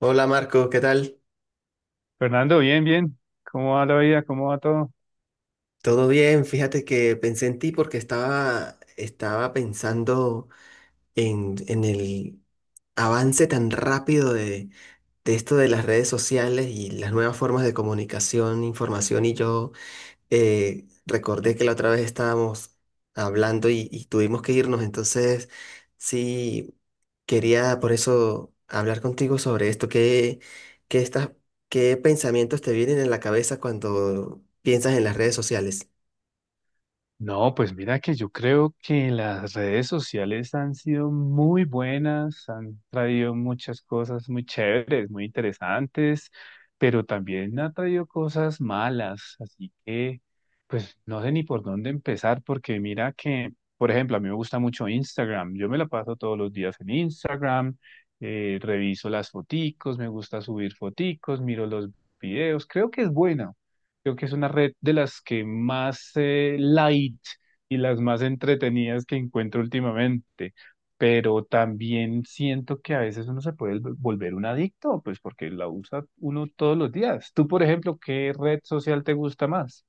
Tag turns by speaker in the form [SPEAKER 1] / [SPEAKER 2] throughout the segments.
[SPEAKER 1] Hola Marco, ¿qué tal?
[SPEAKER 2] Fernando, bien, bien. ¿Cómo va la vida? ¿Cómo va todo?
[SPEAKER 1] ¿Todo bien? Fíjate que pensé en ti porque estaba pensando en el avance tan rápido de esto de las redes sociales y las nuevas formas de comunicación, información. Y yo Recordé que la otra vez estábamos hablando y tuvimos que irnos, entonces sí quería por eso hablar contigo sobre esto. Qué estás- qué pensamientos te vienen en la cabeza cuando piensas en las redes sociales?
[SPEAKER 2] No, pues mira que yo creo que las redes sociales han sido muy buenas, han traído muchas cosas muy chéveres, muy interesantes, pero también ha traído cosas malas, así que pues no sé ni por dónde empezar, porque mira que, por ejemplo, a mí me gusta mucho Instagram, yo me la paso todos los días en Instagram, reviso las foticos, me gusta subir foticos, miro los videos, creo que es buena. Creo que es una red de las que más light y las más entretenidas que encuentro últimamente, pero también siento que a veces uno se puede volver un adicto, pues porque la usa uno todos los días. Tú, por ejemplo, ¿qué red social te gusta más?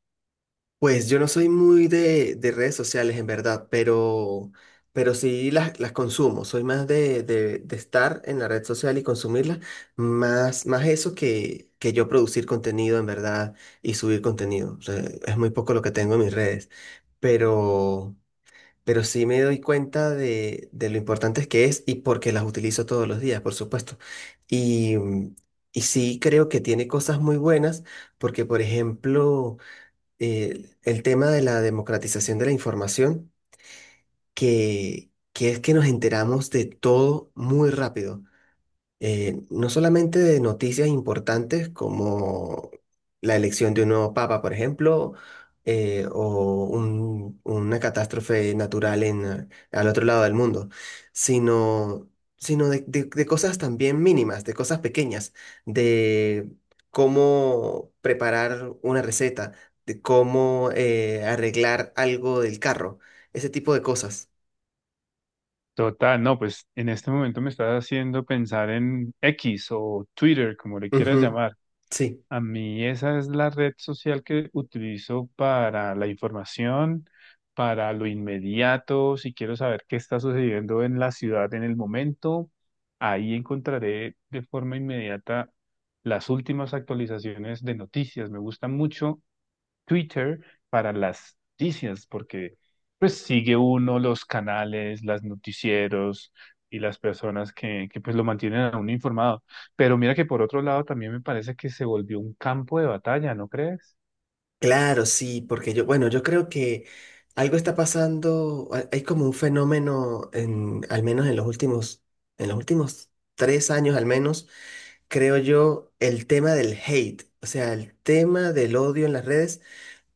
[SPEAKER 1] Pues yo no soy muy de, redes sociales en verdad, pero, sí las consumo. Soy más de estar en la red social y consumirla, más, eso que yo producir contenido en verdad y subir contenido. O sea, es muy poco lo que tengo en mis redes, pero, pero, sí me doy cuenta de lo importantes que es y porque las utilizo todos los días, por supuesto. Y, y sí creo que tiene cosas muy buenas, porque por ejemplo el tema de la democratización de la información, que es que nos enteramos de todo muy rápido. No solamente de noticias importantes como la elección de un nuevo papa, por ejemplo, o una catástrofe natural en, al otro lado del mundo, sino, sino, de cosas también mínimas, de cosas pequeñas, de cómo preparar una receta, de cómo arreglar algo del carro, ese tipo de cosas.
[SPEAKER 2] Total, no, pues en este momento me estás haciendo pensar en X o Twitter, como le quieras
[SPEAKER 1] Ujú.
[SPEAKER 2] llamar.
[SPEAKER 1] Sí.
[SPEAKER 2] A mí esa es la red social que utilizo para la información, para lo inmediato, si quiero saber qué está sucediendo en la ciudad en el momento, ahí encontraré de forma inmediata las últimas actualizaciones de noticias. Me gusta mucho Twitter para las noticias, porque pues sigue uno los canales, las noticieros y las personas que pues lo mantienen a uno informado. Pero mira que por otro lado también me parece que se volvió un campo de batalla, ¿no crees?
[SPEAKER 1] Claro, sí, porque yo, bueno, yo creo que algo está pasando, hay como un fenómeno al menos en los últimos 3 años al menos, creo yo. El tema del hate, o sea, el tema del odio en las redes,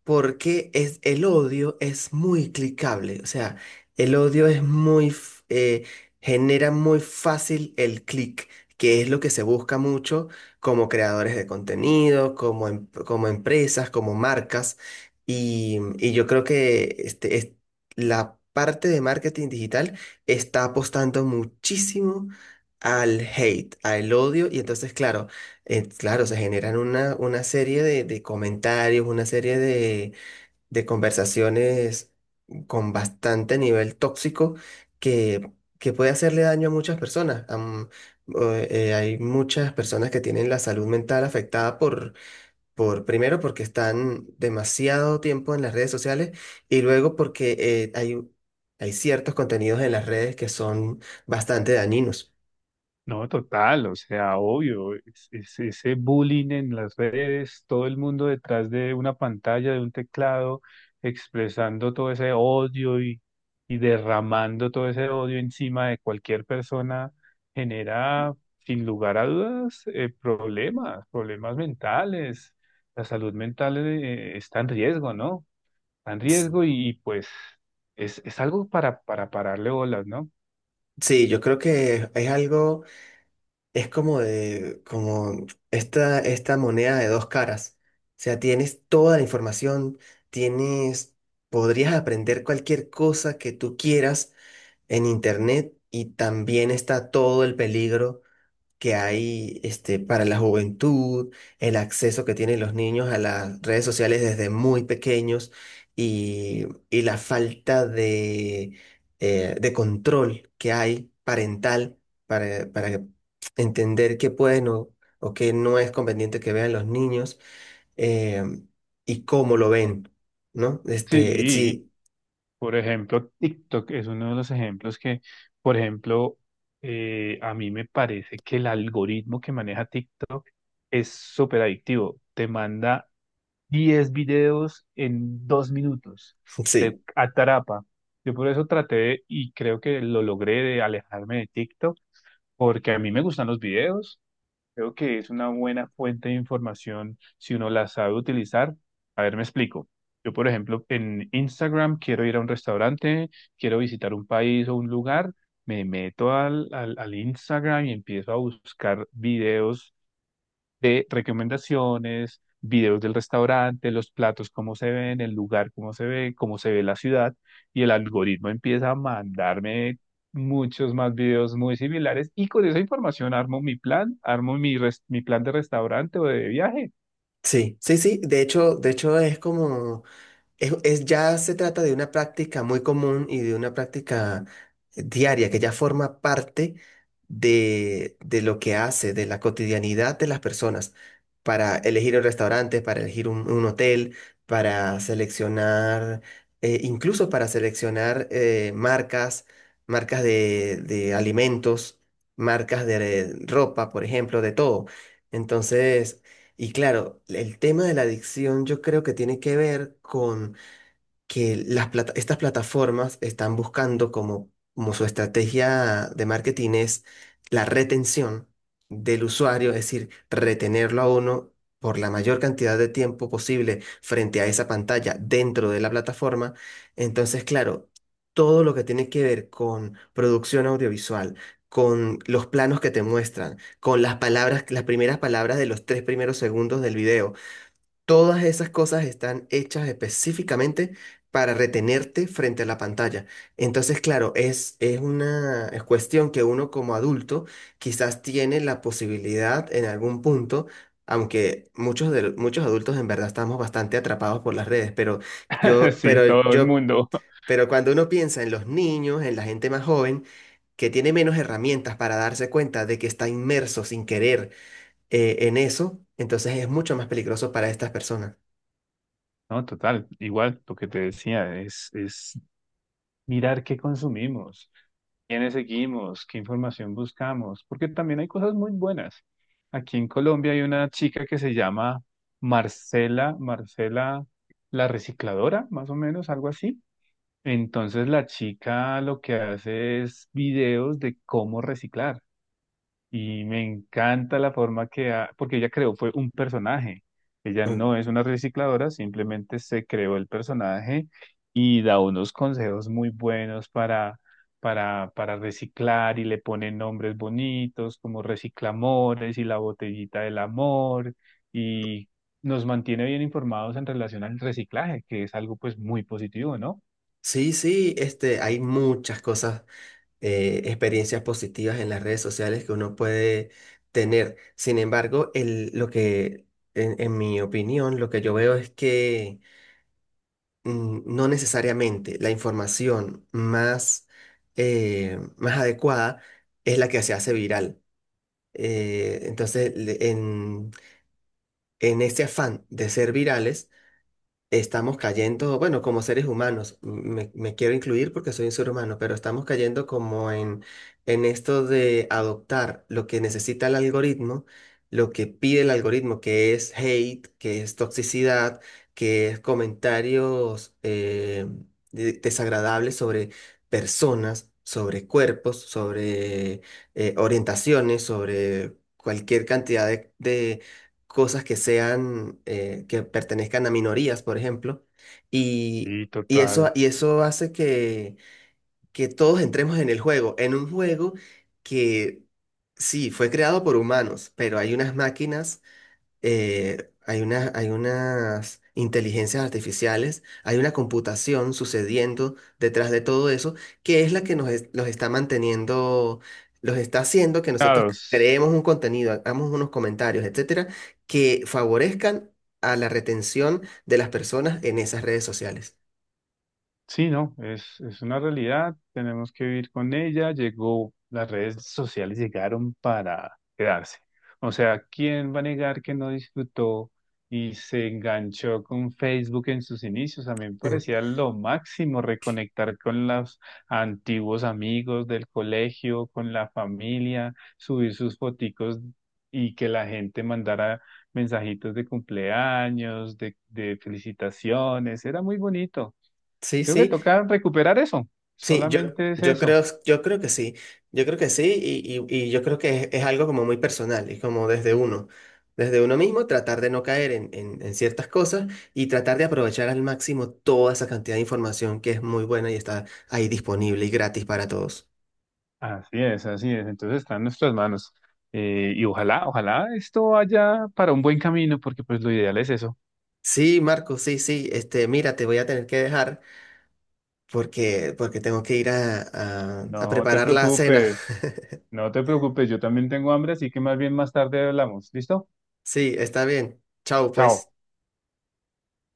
[SPEAKER 1] porque es, el odio es muy clicable, o sea, el odio es muy, genera muy fácil el clic, que es lo que se busca mucho como creadores de contenido, como, como empresas, como marcas. Y yo creo que la parte de marketing digital está apostando muchísimo al hate, al odio, y entonces, claro, claro, se generan una, serie de comentarios, una serie de, conversaciones con bastante nivel tóxico, que, que puede hacerle daño a muchas personas. Hay muchas personas que tienen la salud mental afectada por, primero, porque están demasiado tiempo en las redes sociales, y luego porque hay ciertos contenidos en las redes que son bastante dañinos.
[SPEAKER 2] No, total, o sea, obvio, ese bullying en las redes, todo el mundo detrás de una pantalla, de un teclado, expresando todo ese odio y derramando todo ese odio encima de cualquier persona, genera, sin lugar a dudas, problemas, problemas mentales. La salud mental, está en riesgo, ¿no? Está en
[SPEAKER 1] S-
[SPEAKER 2] riesgo pues es algo para pararle bolas, ¿no?
[SPEAKER 1] Sí, yo creo que es algo, es como de, como esta moneda de dos caras. O sea, tienes toda la información, tienes, podrías aprender cualquier cosa que tú quieras en internet, y también está todo el peligro que hay para la juventud, el acceso que tienen los niños a las redes sociales desde muy pequeños, y la falta de control que hay parental para, entender qué pueden o qué no es conveniente que vean los niños, eh, y cómo lo ven, ¿no?
[SPEAKER 2] Sí.
[SPEAKER 1] Sí.
[SPEAKER 2] Por ejemplo, TikTok es uno de los ejemplos que, por ejemplo, a mí me parece que el algoritmo que maneja TikTok es súper adictivo. Te manda 10 videos en 2 minutos.
[SPEAKER 1] Sí.
[SPEAKER 2] Atrapa. Yo por eso traté de y creo que lo logré de alejarme de TikTok porque a mí me gustan los videos. Creo que es una buena fuente de información si uno la sabe utilizar. A ver, me explico. Yo, por ejemplo, en Instagram quiero ir a un restaurante, quiero visitar un país o un lugar, me meto al Instagram y empiezo a buscar videos de recomendaciones, videos del restaurante, los platos, cómo se ven, el lugar, cómo se ve la ciudad, y el algoritmo empieza a mandarme muchos más videos muy similares y con esa información armo mi plan, armo mi plan de restaurante o de viaje.
[SPEAKER 1] Sí, sí, sí, de hecho es como es- ya se trata de una práctica muy común y de una práctica diaria que ya forma parte de lo que hace, de la cotidianidad de las personas, para elegir un restaurante, para elegir un hotel, para seleccionar, incluso para seleccionar marcas, de alimentos, marcas de ropa, por ejemplo, de todo. Entonces... Y claro, el tema de la adicción yo creo que tiene que ver con que las estas plataformas están buscando como, como su estrategia de marketing es la retención del usuario, es decir, retenerlo a uno por la mayor cantidad de tiempo posible frente a esa pantalla dentro de la plataforma. Entonces, claro, todo lo que tiene que ver con producción audiovisual, con los planos que te muestran, con las palabras, las primeras palabras de los 3 primeros segundos del video. Todas esas cosas están hechas específicamente para retenerte frente a la pantalla. Entonces, claro, es, una es cuestión que uno como adulto quizás tiene la posibilidad en algún punto, aunque muchos adultos en verdad estamos bastante atrapados por las redes, yo,
[SPEAKER 2] Sí,
[SPEAKER 1] pero
[SPEAKER 2] todo el
[SPEAKER 1] yo,
[SPEAKER 2] mundo.
[SPEAKER 1] pero cuando uno piensa en los niños, en la gente más joven, que tiene menos herramientas para darse cuenta de que está inmerso sin querer en eso, entonces es mucho más peligroso para estas personas.
[SPEAKER 2] No, total, igual lo que te decía es mirar qué consumimos, quiénes seguimos, qué información buscamos, porque también hay cosas muy buenas. Aquí en Colombia hay una chica que se llama Marcela la recicladora, más o menos, algo así. Entonces la chica lo que hace es videos de cómo reciclar. Y me encanta la forma que ha, porque ella creó fue un personaje. Ella
[SPEAKER 1] Mm.
[SPEAKER 2] no es una recicladora, simplemente se creó el personaje y da unos consejos muy buenos para reciclar y le pone nombres bonitos como Reciclamores y la botellita del amor y nos mantiene bien informados en relación al reciclaje, que es algo pues muy positivo, ¿no?
[SPEAKER 1] Sí, sí, hay muchas cosas, experiencias positivas en las redes sociales que uno puede tener. Sin embargo, el, lo que, en mi opinión, lo que yo veo es que no necesariamente la información más adecuada es la que se hace viral. Entonces, en este afán de ser virales, estamos cayendo, bueno, como seres humanos, me quiero incluir porque soy un ser humano, pero estamos cayendo como en esto de adoptar lo que necesita el algoritmo, lo que pide el algoritmo, que es hate, que es toxicidad, que es comentarios desagradables sobre personas, sobre cuerpos, sobre orientaciones, sobre cualquier cantidad de cosas que sean, que pertenezcan a minorías, por ejemplo, y,
[SPEAKER 2] Y
[SPEAKER 1] y eso,
[SPEAKER 2] total.
[SPEAKER 1] y eso hace que todos entremos en el juego, en un juego que sí, fue creado por humanos, pero hay unas máquinas hay unas inteligencias artificiales, hay una computación sucediendo detrás de todo eso, que es la que nos los está manteniendo, los está haciendo que nosotros
[SPEAKER 2] Claro.
[SPEAKER 1] creemos un contenido, hagamos unos comentarios, etcétera, que favorezcan a la retención de las personas en esas redes sociales.
[SPEAKER 2] Sí, no, es una realidad, tenemos que vivir con ella. Llegó, las redes sociales llegaron para quedarse. O sea, ¿quién va a negar que no disfrutó y se enganchó con Facebook en sus inicios? A mí me parecía lo máximo reconectar con los antiguos amigos del colegio, con la familia, subir sus foticos y que la gente mandara mensajitos de cumpleaños, de felicitaciones. Era muy bonito.
[SPEAKER 1] Sí,
[SPEAKER 2] Creo que
[SPEAKER 1] sí.
[SPEAKER 2] toca recuperar eso.
[SPEAKER 1] Sí,
[SPEAKER 2] Solamente es
[SPEAKER 1] yo
[SPEAKER 2] eso.
[SPEAKER 1] creo, yo creo que sí, yo creo que sí, y yo creo que es algo como muy personal, es como desde uno, mismo tratar de no caer en ciertas cosas, y tratar de aprovechar al máximo toda esa cantidad de información que es muy buena y está ahí disponible y gratis para todos.
[SPEAKER 2] Así es, así es. Entonces está en nuestras manos. Y ojalá, ojalá esto vaya para un buen camino, porque pues lo ideal es eso.
[SPEAKER 1] Sí, Marco, sí, sí, mira, te voy a tener que dejar porque, tengo que ir a
[SPEAKER 2] No te
[SPEAKER 1] preparar la cena.
[SPEAKER 2] preocupes, no te preocupes, yo también tengo hambre, así que más bien más tarde hablamos. ¿Listo?
[SPEAKER 1] Sí, está bien, chao
[SPEAKER 2] Chao.
[SPEAKER 1] pues.